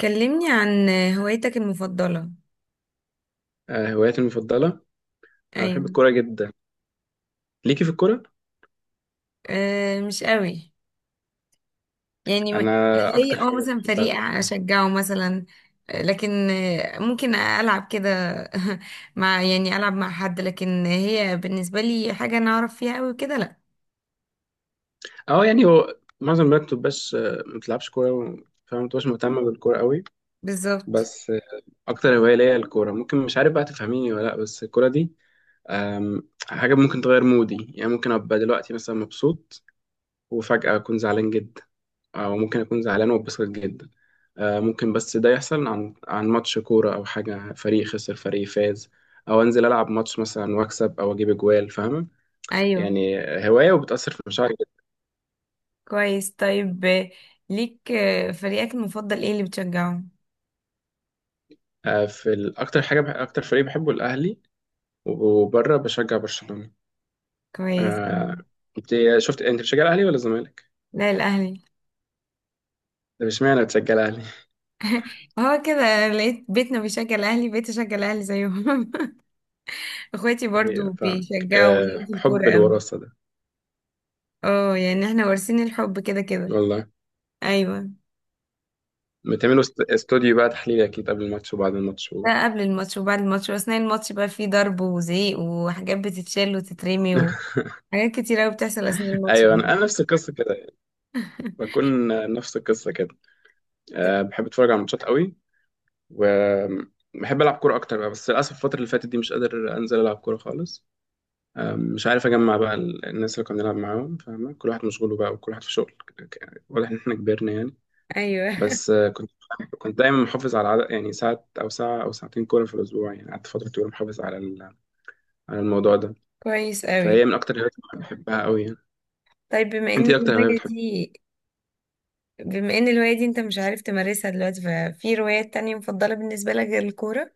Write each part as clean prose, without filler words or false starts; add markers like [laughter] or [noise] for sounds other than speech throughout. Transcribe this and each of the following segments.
كلمني عن هوايتك المفضلة. هواياتي المفضلة. أنا بحب أيوة. الكورة جدا. ليكي في الكورة؟ أه، مش قوي. يعني م- أنا أكتر ليا اه حاجة مثلا بحبها فريق الكورة. أشجعه مثلا. آه، لكن آه، ممكن ألعب كده. [laughs] مع يعني ألعب مع حد، لكن هي بالنسبة لي حاجة أنا أعرف فيها أوي كده لأ. أه يعني هو معظم البنات مبتبقاش ما بتلعبش كورة فما بتبقاش مهتمة بالكورة قوي. بالظبط. بس أكتر هواية ليا الكورة، ممكن مش عارف بقى تفهميني ولا لأ، بس الكورة دي حاجة ممكن تغير مودي، يعني ممكن أبقى دلوقتي مثلا مبسوط وفجأة أكون زعلان جدا، أو ممكن أكون زعلان واتبسط جدا. ممكن، بس ده يحصل عن ماتش كورة أو حاجة، فريق خسر فريق فاز، أو أنزل ألعب ماتش مثلا وأكسب أو أجيب أجوال، فاهمة أيوة. يعني؟ هواية وبتأثر في مشاعري جدا. كويس، طيب. ليك فريقك المفضل إيه اللي بتشجعه؟ أكتر حاجة أكتر فريق بحبه الأهلي، وبره بشجع برشلونة. كويس. آه، مم. أنت شفت، أنت بتشجع الأهلي ولا الزمالك؟ لا، الأهلي. [laughs] طب اشمعنى بتشجع الأهلي؟ هو كده، لقيت بيتنا بيشجع الأهلي، بقيت أشجع الأهلي زيهم. [laughs] اخواتي [laughs] أيوه برضو فاهمك، بيشجعوا ليهم في الكورة حب قوي. الوراثة ده. اه، يعني احنا وارثين الحب كده كده. والله ايوه. بتعملوا استوديو بقى تحليل أكيد قبل الماتش وبعد الماتش و... ده قبل الماتش وبعد الماتش واثناء الماتش، بقى فيه ضرب وزعيق وحاجات بتتشال وتترمي [laughs] وحاجات كتير قوي بتحصل اثناء الماتش ايوه، انا يعني. انا نفس القصه كده، [laughs] بكون نفس القصة كده. أه بحب أتفرج على الماتشات قوي، وبحب ألعب كورة أكتر بقى، بس للأسف الفترة اللي فاتت دي مش قادر أنزل ألعب كورة خالص. أه مش عارف أجمع بقى الناس اللي كنا بنلعب معاهم، فاهمة؟ كل واحد مشغول بقى وكل واحد في شغل، واضح إن إحنا كبرنا يعني. ايوه، بس كنت دايما محافظ على عدد، يعني ساعة أو ساعتين كورة في الأسبوع، يعني قعدت فترة طويلة محافظ على على الموضوع ده. كويس قوي. فهي من أكتر الهوايات اللي بحبها قوي يعني. طيب، بما أنت ان إيه أكتر هواية الهواية بتحبها؟ دي، بما ان الهواية دي انت مش عارف تمارسها دلوقتي، ففي روايات تانية مفضلة بالنسبة لك غير الكورة؟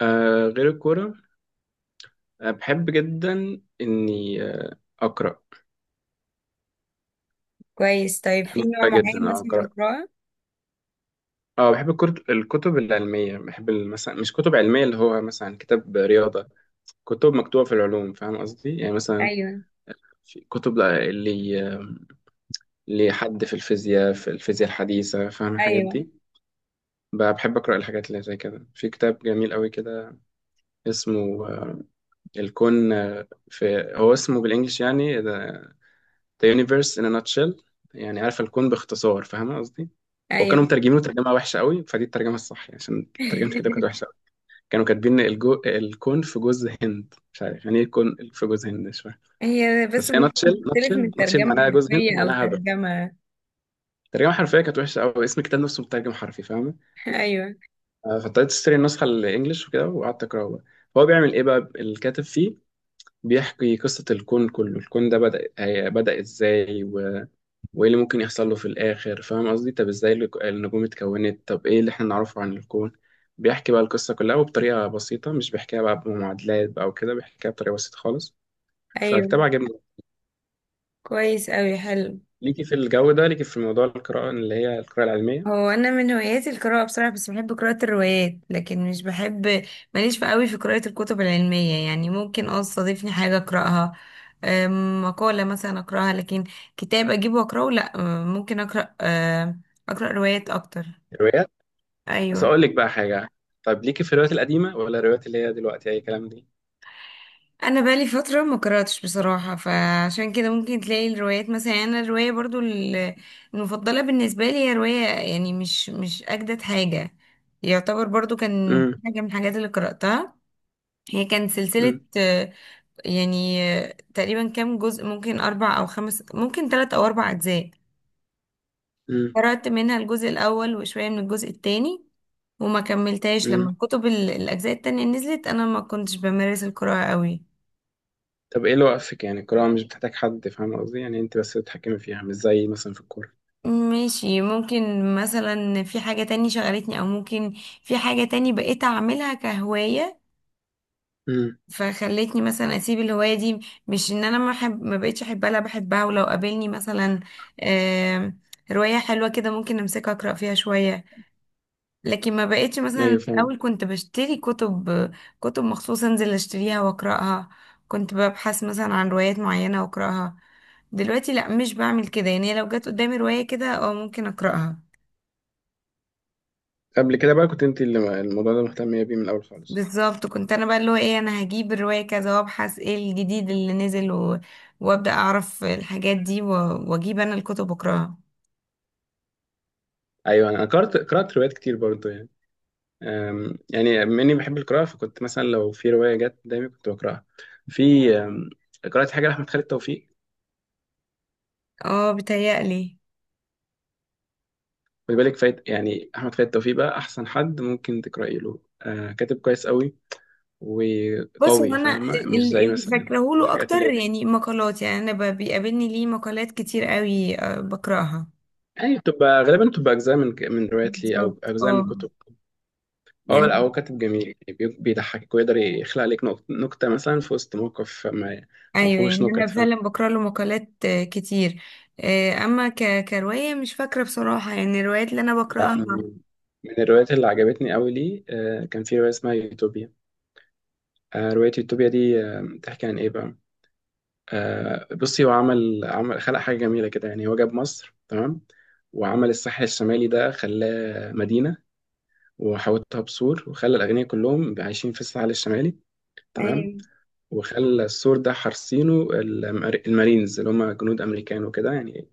أه غير الكورة، أه بحب جدا إني أقرأ. كويس. طيب، بحب في نوع القراءة معين جدا، اه مثلا من قراءة. القراءة؟ اه بحب الكتب، الكتب العلمية. بحب مثلا مش كتب علمية، اللي هو مثلا كتاب رياضة، كتب مكتوبة في العلوم، فاهم قصدي يعني؟ مثلا ايوه. في كتب اللي لحد في الفيزياء، في الفيزياء الحديثة، فاهم الحاجات ايوه. دي. بحب أقرأ الحاجات اللي زي كده. في كتاب جميل قوي كده اسمه الكون، آه، في هو اسمه بالإنجلش يعني The Universe in a Nutshell، يعني عارف الكون باختصار، فاهم قصدي؟ وكانوا ايوه. مترجمينه ترجمة وحشة قوي، فدي الترجمة الصح يعني، عشان ترجمة الكتاب كانت [laughs] وحشة. كانوا كاتبين الكون في جوز هند، مش عارف يعني ايه الكون في جوز هند، مش فاهم. هي بس بس هي ممكن تختلف من ناتشل ترجمة معناها جوز هند، حرفية أو معناها هبل. ترجمة. الترجمه الحرفيه كانت وحشه قوي، اسم الكتاب نفسه مترجم حرفي، فاهمه؟ [laughs] أيوة. فابتديت اشتري النسخه الانجليش وكده وقعدت اقراه بقى. هو بيعمل ايه بقى الكاتب فيه؟ بيحكي قصه الكون كله. الكون ده بدا، بدا ازاي و... وايه اللي ممكن يحصل له في الاخر، فاهم قصدي؟ طب ازاي النجوم اتكونت، طب ايه اللي احنا نعرفه عن الكون. بيحكي بقى القصه كلها وبطريقه بسيطه، مش بيحكيها بقى بمعادلات بقى وكده، بيحكيها بطريقه بسيطه خالص. أيوة. فكتاب عجبني. كويس أوي، حلو. ليكي في الجو ده؟ ليكي في موضوع القراءه اللي هي القراءه العلميه؟ هو أنا من هواياتي القراءة بصراحة، بس بحب قراءة الروايات لكن مش بحب، ماليش في أوي في قراءة الكتب العلمية. يعني ممكن اه تستضيفني حاجة أقرأها، مقالة مثلا أقرأها، لكن كتاب أجيبه وأقرأه لأ. ممكن أقرأ روايات أكتر. الروايات؟ بس أيوة. اقول لك بقى حاجه، طب ليكي في الروايات القديمه ولا الروايات اللي هي دلوقتي اي كلام دي؟ انا بقالي فتره ما قراتش بصراحه، فعشان كده ممكن تلاقي الروايات مثلا. يعني انا الروايه برضو المفضله بالنسبه لي هي روايه، يعني مش اجدد حاجه، يعتبر برضو كان امم. حاجه من الحاجات اللي قراتها. هي كانت سلسله، امم. يعني تقريبا كام جزء، ممكن اربع او خمس، ممكن ثلاث او اربع اجزاء. امم. قرات منها الجزء الاول وشويه من الجزء الثاني، وما كملتهاش. امم. لما الكتب الاجزاء التانية نزلت انا ما كنتش بمارس القراءه قوي. طب ايه اللي وقفك؟ يعني القراءه مش بتحتاج حد، فاهم قصدي؟ يعني انت بس بتتحكمي فيها، مش زي مثلا في الكوره. ماشي. ممكن مثلا في حاجة تاني شغلتني، او ممكن في حاجة تاني بقيت اعملها كهواية امم. فخلتني مثلا اسيب الهواية دي. مش ان انا ما بقيتش احبها، لا، بحبها، ولو قابلني مثلا آم، رواية حلوة كده ممكن امسكها اقرا فيها شوية. لكن ما بقيتش مثلا، ايوه في فاهم. الاول كنت بشتري كتب، كتب مخصوص انزل اشتريها واقراها، كنت ببحث مثلا عن روايات معينة واقراها. دلوقتي لا، مش بعمل كده. يعني لو جت قدامي رواية كده اه ممكن اقراها. قبل كده بقى كنت انت اللي الموضوع ده مهتمية بيه من الأول خالص؟ بالظبط. كنت انا بقى اللي هو ايه، انا هجيب الرواية كذا وابحث ايه الجديد اللي نزل، و... وابدأ اعرف الحاجات دي، و... واجيب انا الكتب اقراها. أيوة أنا قرأت روايات كتير برضه يعني. يعني بما إني بحب القراءة فكنت مثلا لو في رواية جت قدامي كنت بقرأها. في أم، قرأت حاجة لأحمد خالد توفيق. اه، بتهيألي. خد بالك فايت يعني، أحمد خالد توفيق بقى أحسن حد ممكن تقرأي له، كاتب كويس قوي بص، هو وقوي، انا فاهمة؟ مش زي اللي مثلا فاكراه له الحاجات اللي اكتر هي، يعني مقالات. يعني انا بيقابلني ليه مقالات كتير قوي، بقراها. يعني بتبقى غالبا بتبقى أجزاء من روايات ليه بالظبط، أو أجزاء من اه. كتب. اه يعني. لا هو كاتب جميل يعني، بيضحكك ويقدر يخلق لك نكتة مثلا في وسط موقف ما، ما ايوه، فيهوش يعني انا نكت، فاهم؟ فعلا بقرا له مقالات كتير. اما كرواية مش فاكرة بصراحة يعني الروايات اللي انا لا، بقراها. من الروايات اللي عجبتني قوي لي كان في رواية اسمها يوتوبيا. رواية يوتوبيا دي بتحكي عن ايه بقى؟ بصي، هو عمل عمل خلق حاجة جميلة كده يعني. هو جاب مصر تمام، وعمل الساحل الشمالي ده خلاه مدينة، وحوطها بسور، وخلى الأغنياء كلهم عايشين في الساحل الشمالي، تمام؟ ايوه. وخلى السور ده حارسينه المارينز، اللي هم جنود امريكان وكده يعني.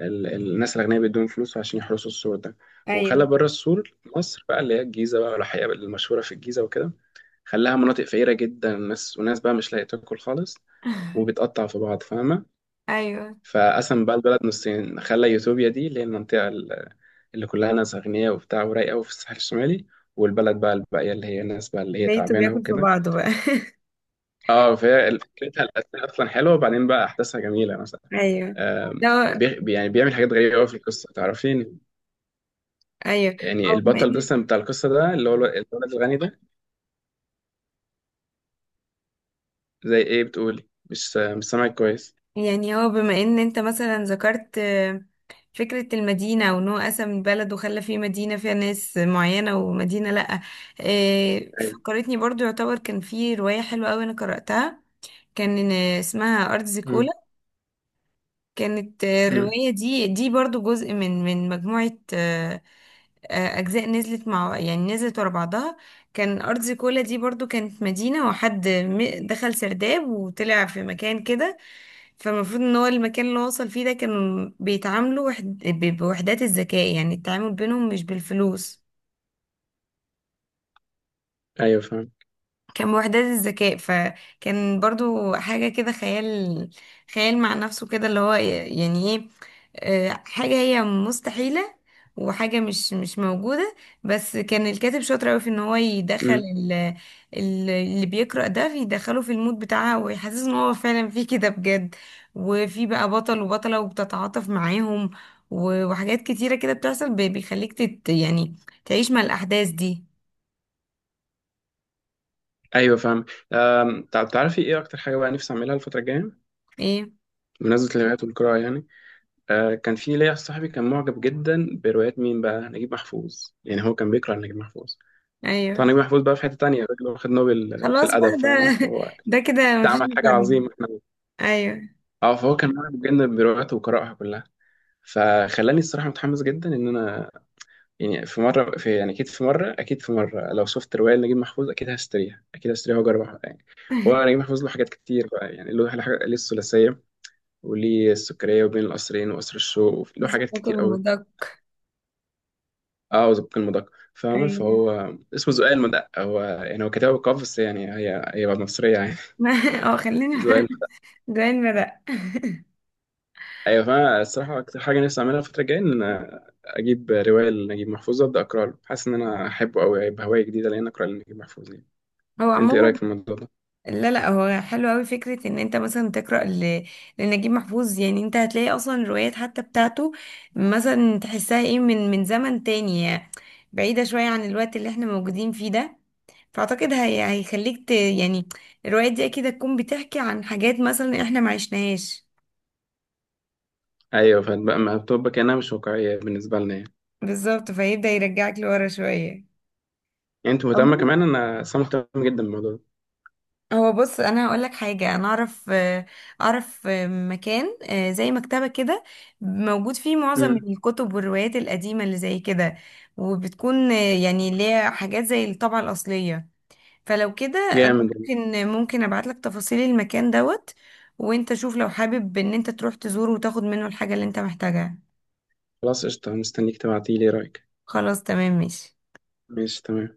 الناس الاغنياء بيدوهم فلوس عشان يحرسوا السور ده. وخلى ايوه. بره السور مصر بقى، اللي هي الجيزه بقى والحقيقه المشهوره في الجيزه وكده. خلاها مناطق فقيره جدا، الناس وناس بقى مش لاقيه تاكل خالص، [laughs] وبتقطع في بعض، فاهمه؟ ايوه، فقسم بقى البلد نصين، خلى يوتوبيا دي اللي هي المنطقه اللي كلها ناس اغنياء وبتاع ورايقه وفي الساحل الشمالي، والبلد بقى الباقيه اللي هي الناس بقى اللي هي بيته تعبانه بياكل في وكده. بعضه بقى. [laughs] اه فهي فكرتها الاساسيه اصلا حلوه، وبعدين بقى احداثها جميله مثلا. ايوه. لا. يعني بيعمل حاجات غريبه قوي في القصه، تعرفين؟ ايوه. يعني هو بما البطل ان مثلا بتاع القصه ده اللي هو الولد الغني ده. زي ايه بتقولي؟ مش سامعك كويس. يعني هو بما ان انت مثلا ذكرت فكرة المدينة، وان هو قسم البلد وخلى فيه مدينة فيها ناس معينة، ومدينة لأ. ايوه. فكرتني برضو، يعتبر كان في رواية حلوة أوي انا قرأتها، كان اسمها أرض امم. زيكولا. كانت امم. الرواية دي برضو جزء من مجموعة أجزاء نزلت مع يعني نزلت ورا بعضها. كان أرض زيكولا دي برضو كانت مدينة، دخل سرداب وطلع في مكان كده. فالمفروض ان هو المكان اللي هو وصل فيه ده، كانوا بيتعاملوا بوحدات الذكاء، يعني التعامل بينهم مش بالفلوس، ايوه فاهم. كان بوحدات الذكاء. فكان برضو حاجة كده خيال، خيال مع نفسه كده، اللي هو يعني ايه، حاجة هي مستحيلة، وحاجة مش موجودة. بس كان الكاتب شاطر أوي في ان هو يدخل امم. اللي بيقرأ ده، يدخله في المود بتاعها ويحسسه ان هو فعلا في كده بجد. وفي بقى بطل وبطلة وبتتعاطف معاهم، وحاجات كتيرة كده بتحصل، بيخليك يعني تعيش مع الأحداث دي. ايوه فاهم. طب تعرفي ايه اكتر حاجه بقى نفسي اعملها الفتره الجايه؟ ايه؟ بمناسبه الروايات والقراءه يعني. آه كان في ليا صاحبي كان معجب جدا بروايات مين بقى، نجيب محفوظ، يعني هو كان بيقرا نجيب محفوظ. طبعا ايوه. نجيب محفوظ بقى في حتة تانية، الراجل واخد نوبل في خلاص بقى الأدب، فاهم؟ ده، فهو أكيد ده كده مفيش عمل حاجة مكرر. عظيمة احنا. ايوه. اه فهو كان معاه بجد برواياته وقراءها كلها، فخلاني الصراحة متحمس جدا إن أنا يعني في مرة، في يعني أكيد في مرة، أكيد في مرة لو شفت رواية لنجيب محفوظ أكيد هشتريها، أكيد هشتريها وأجربها يعني. هو [laughs] نجيب محفوظ له حاجات كتير بقى يعني، له حاجة، ليه الثلاثية وليه السكرية وبين القصرين وقصر الشوق، له لازم حاجات باكل كتير قوي. المدق. اه وزبق المدق، فاهمة؟ ايوه. فهو اسمه زقاق المدق، هو يعني هو كتبها بالقاف بس، يعني هي مصرية يعني. [laughs] اه [laughs] خليني. [laughs] زقاق. جوين مرق. ايوه فانا الصراحه اكتر حاجه نفسي اعملها الفتره الجايه ان اجيب روايه لنجيب محفوظ ابدا اقرا له، حاسس ان انا احبه قوي، هيبقى هوايه جديده لان اقرا لنجيب محفوظ يعني. هو انت ايه عموما، رايك في الموضوع ده؟ لا لا، هو حلو قوي فكره ان انت مثلا تقرا لنجيب محفوظ. يعني انت هتلاقي اصلا الروايات حتى بتاعته مثلا تحسها ايه، من زمن تاني، يعني بعيده شويه عن الوقت اللي احنا موجودين فيه ده. فاعتقد هيخليك يعني، الروايات دي اكيد هتكون بتحكي عن حاجات مثلا احنا ما عشناهاش. ايوه، فبقى ما بتبقى كانها مش واقعيه بالنسبه لنا يعني. بالظبط، فيبدأ يرجعك لورا شوية. يعني انت مهتمه عموما، كمان؟ انا اصلا مهتم جدا بالموضوع ده. هو بص انا هقول لك حاجه، انا اعرف اعرف مكان زي مكتبه كده موجود فيه معظم امم. الكتب والروايات القديمه اللي زي كده، وبتكون يعني ليها حاجات زي الطبعه الاصليه. فلو كده، انا جامد جامد. ممكن ابعت لك تفاصيل المكان دوت، وانت شوف لو حابب ان انت تروح تزوره وتاخد منه الحاجه اللي انت محتاجها. خلاص قشطه، مستنيك تبعتيلي رايك. خلاص، تمام، ماشي. ماشي تمام.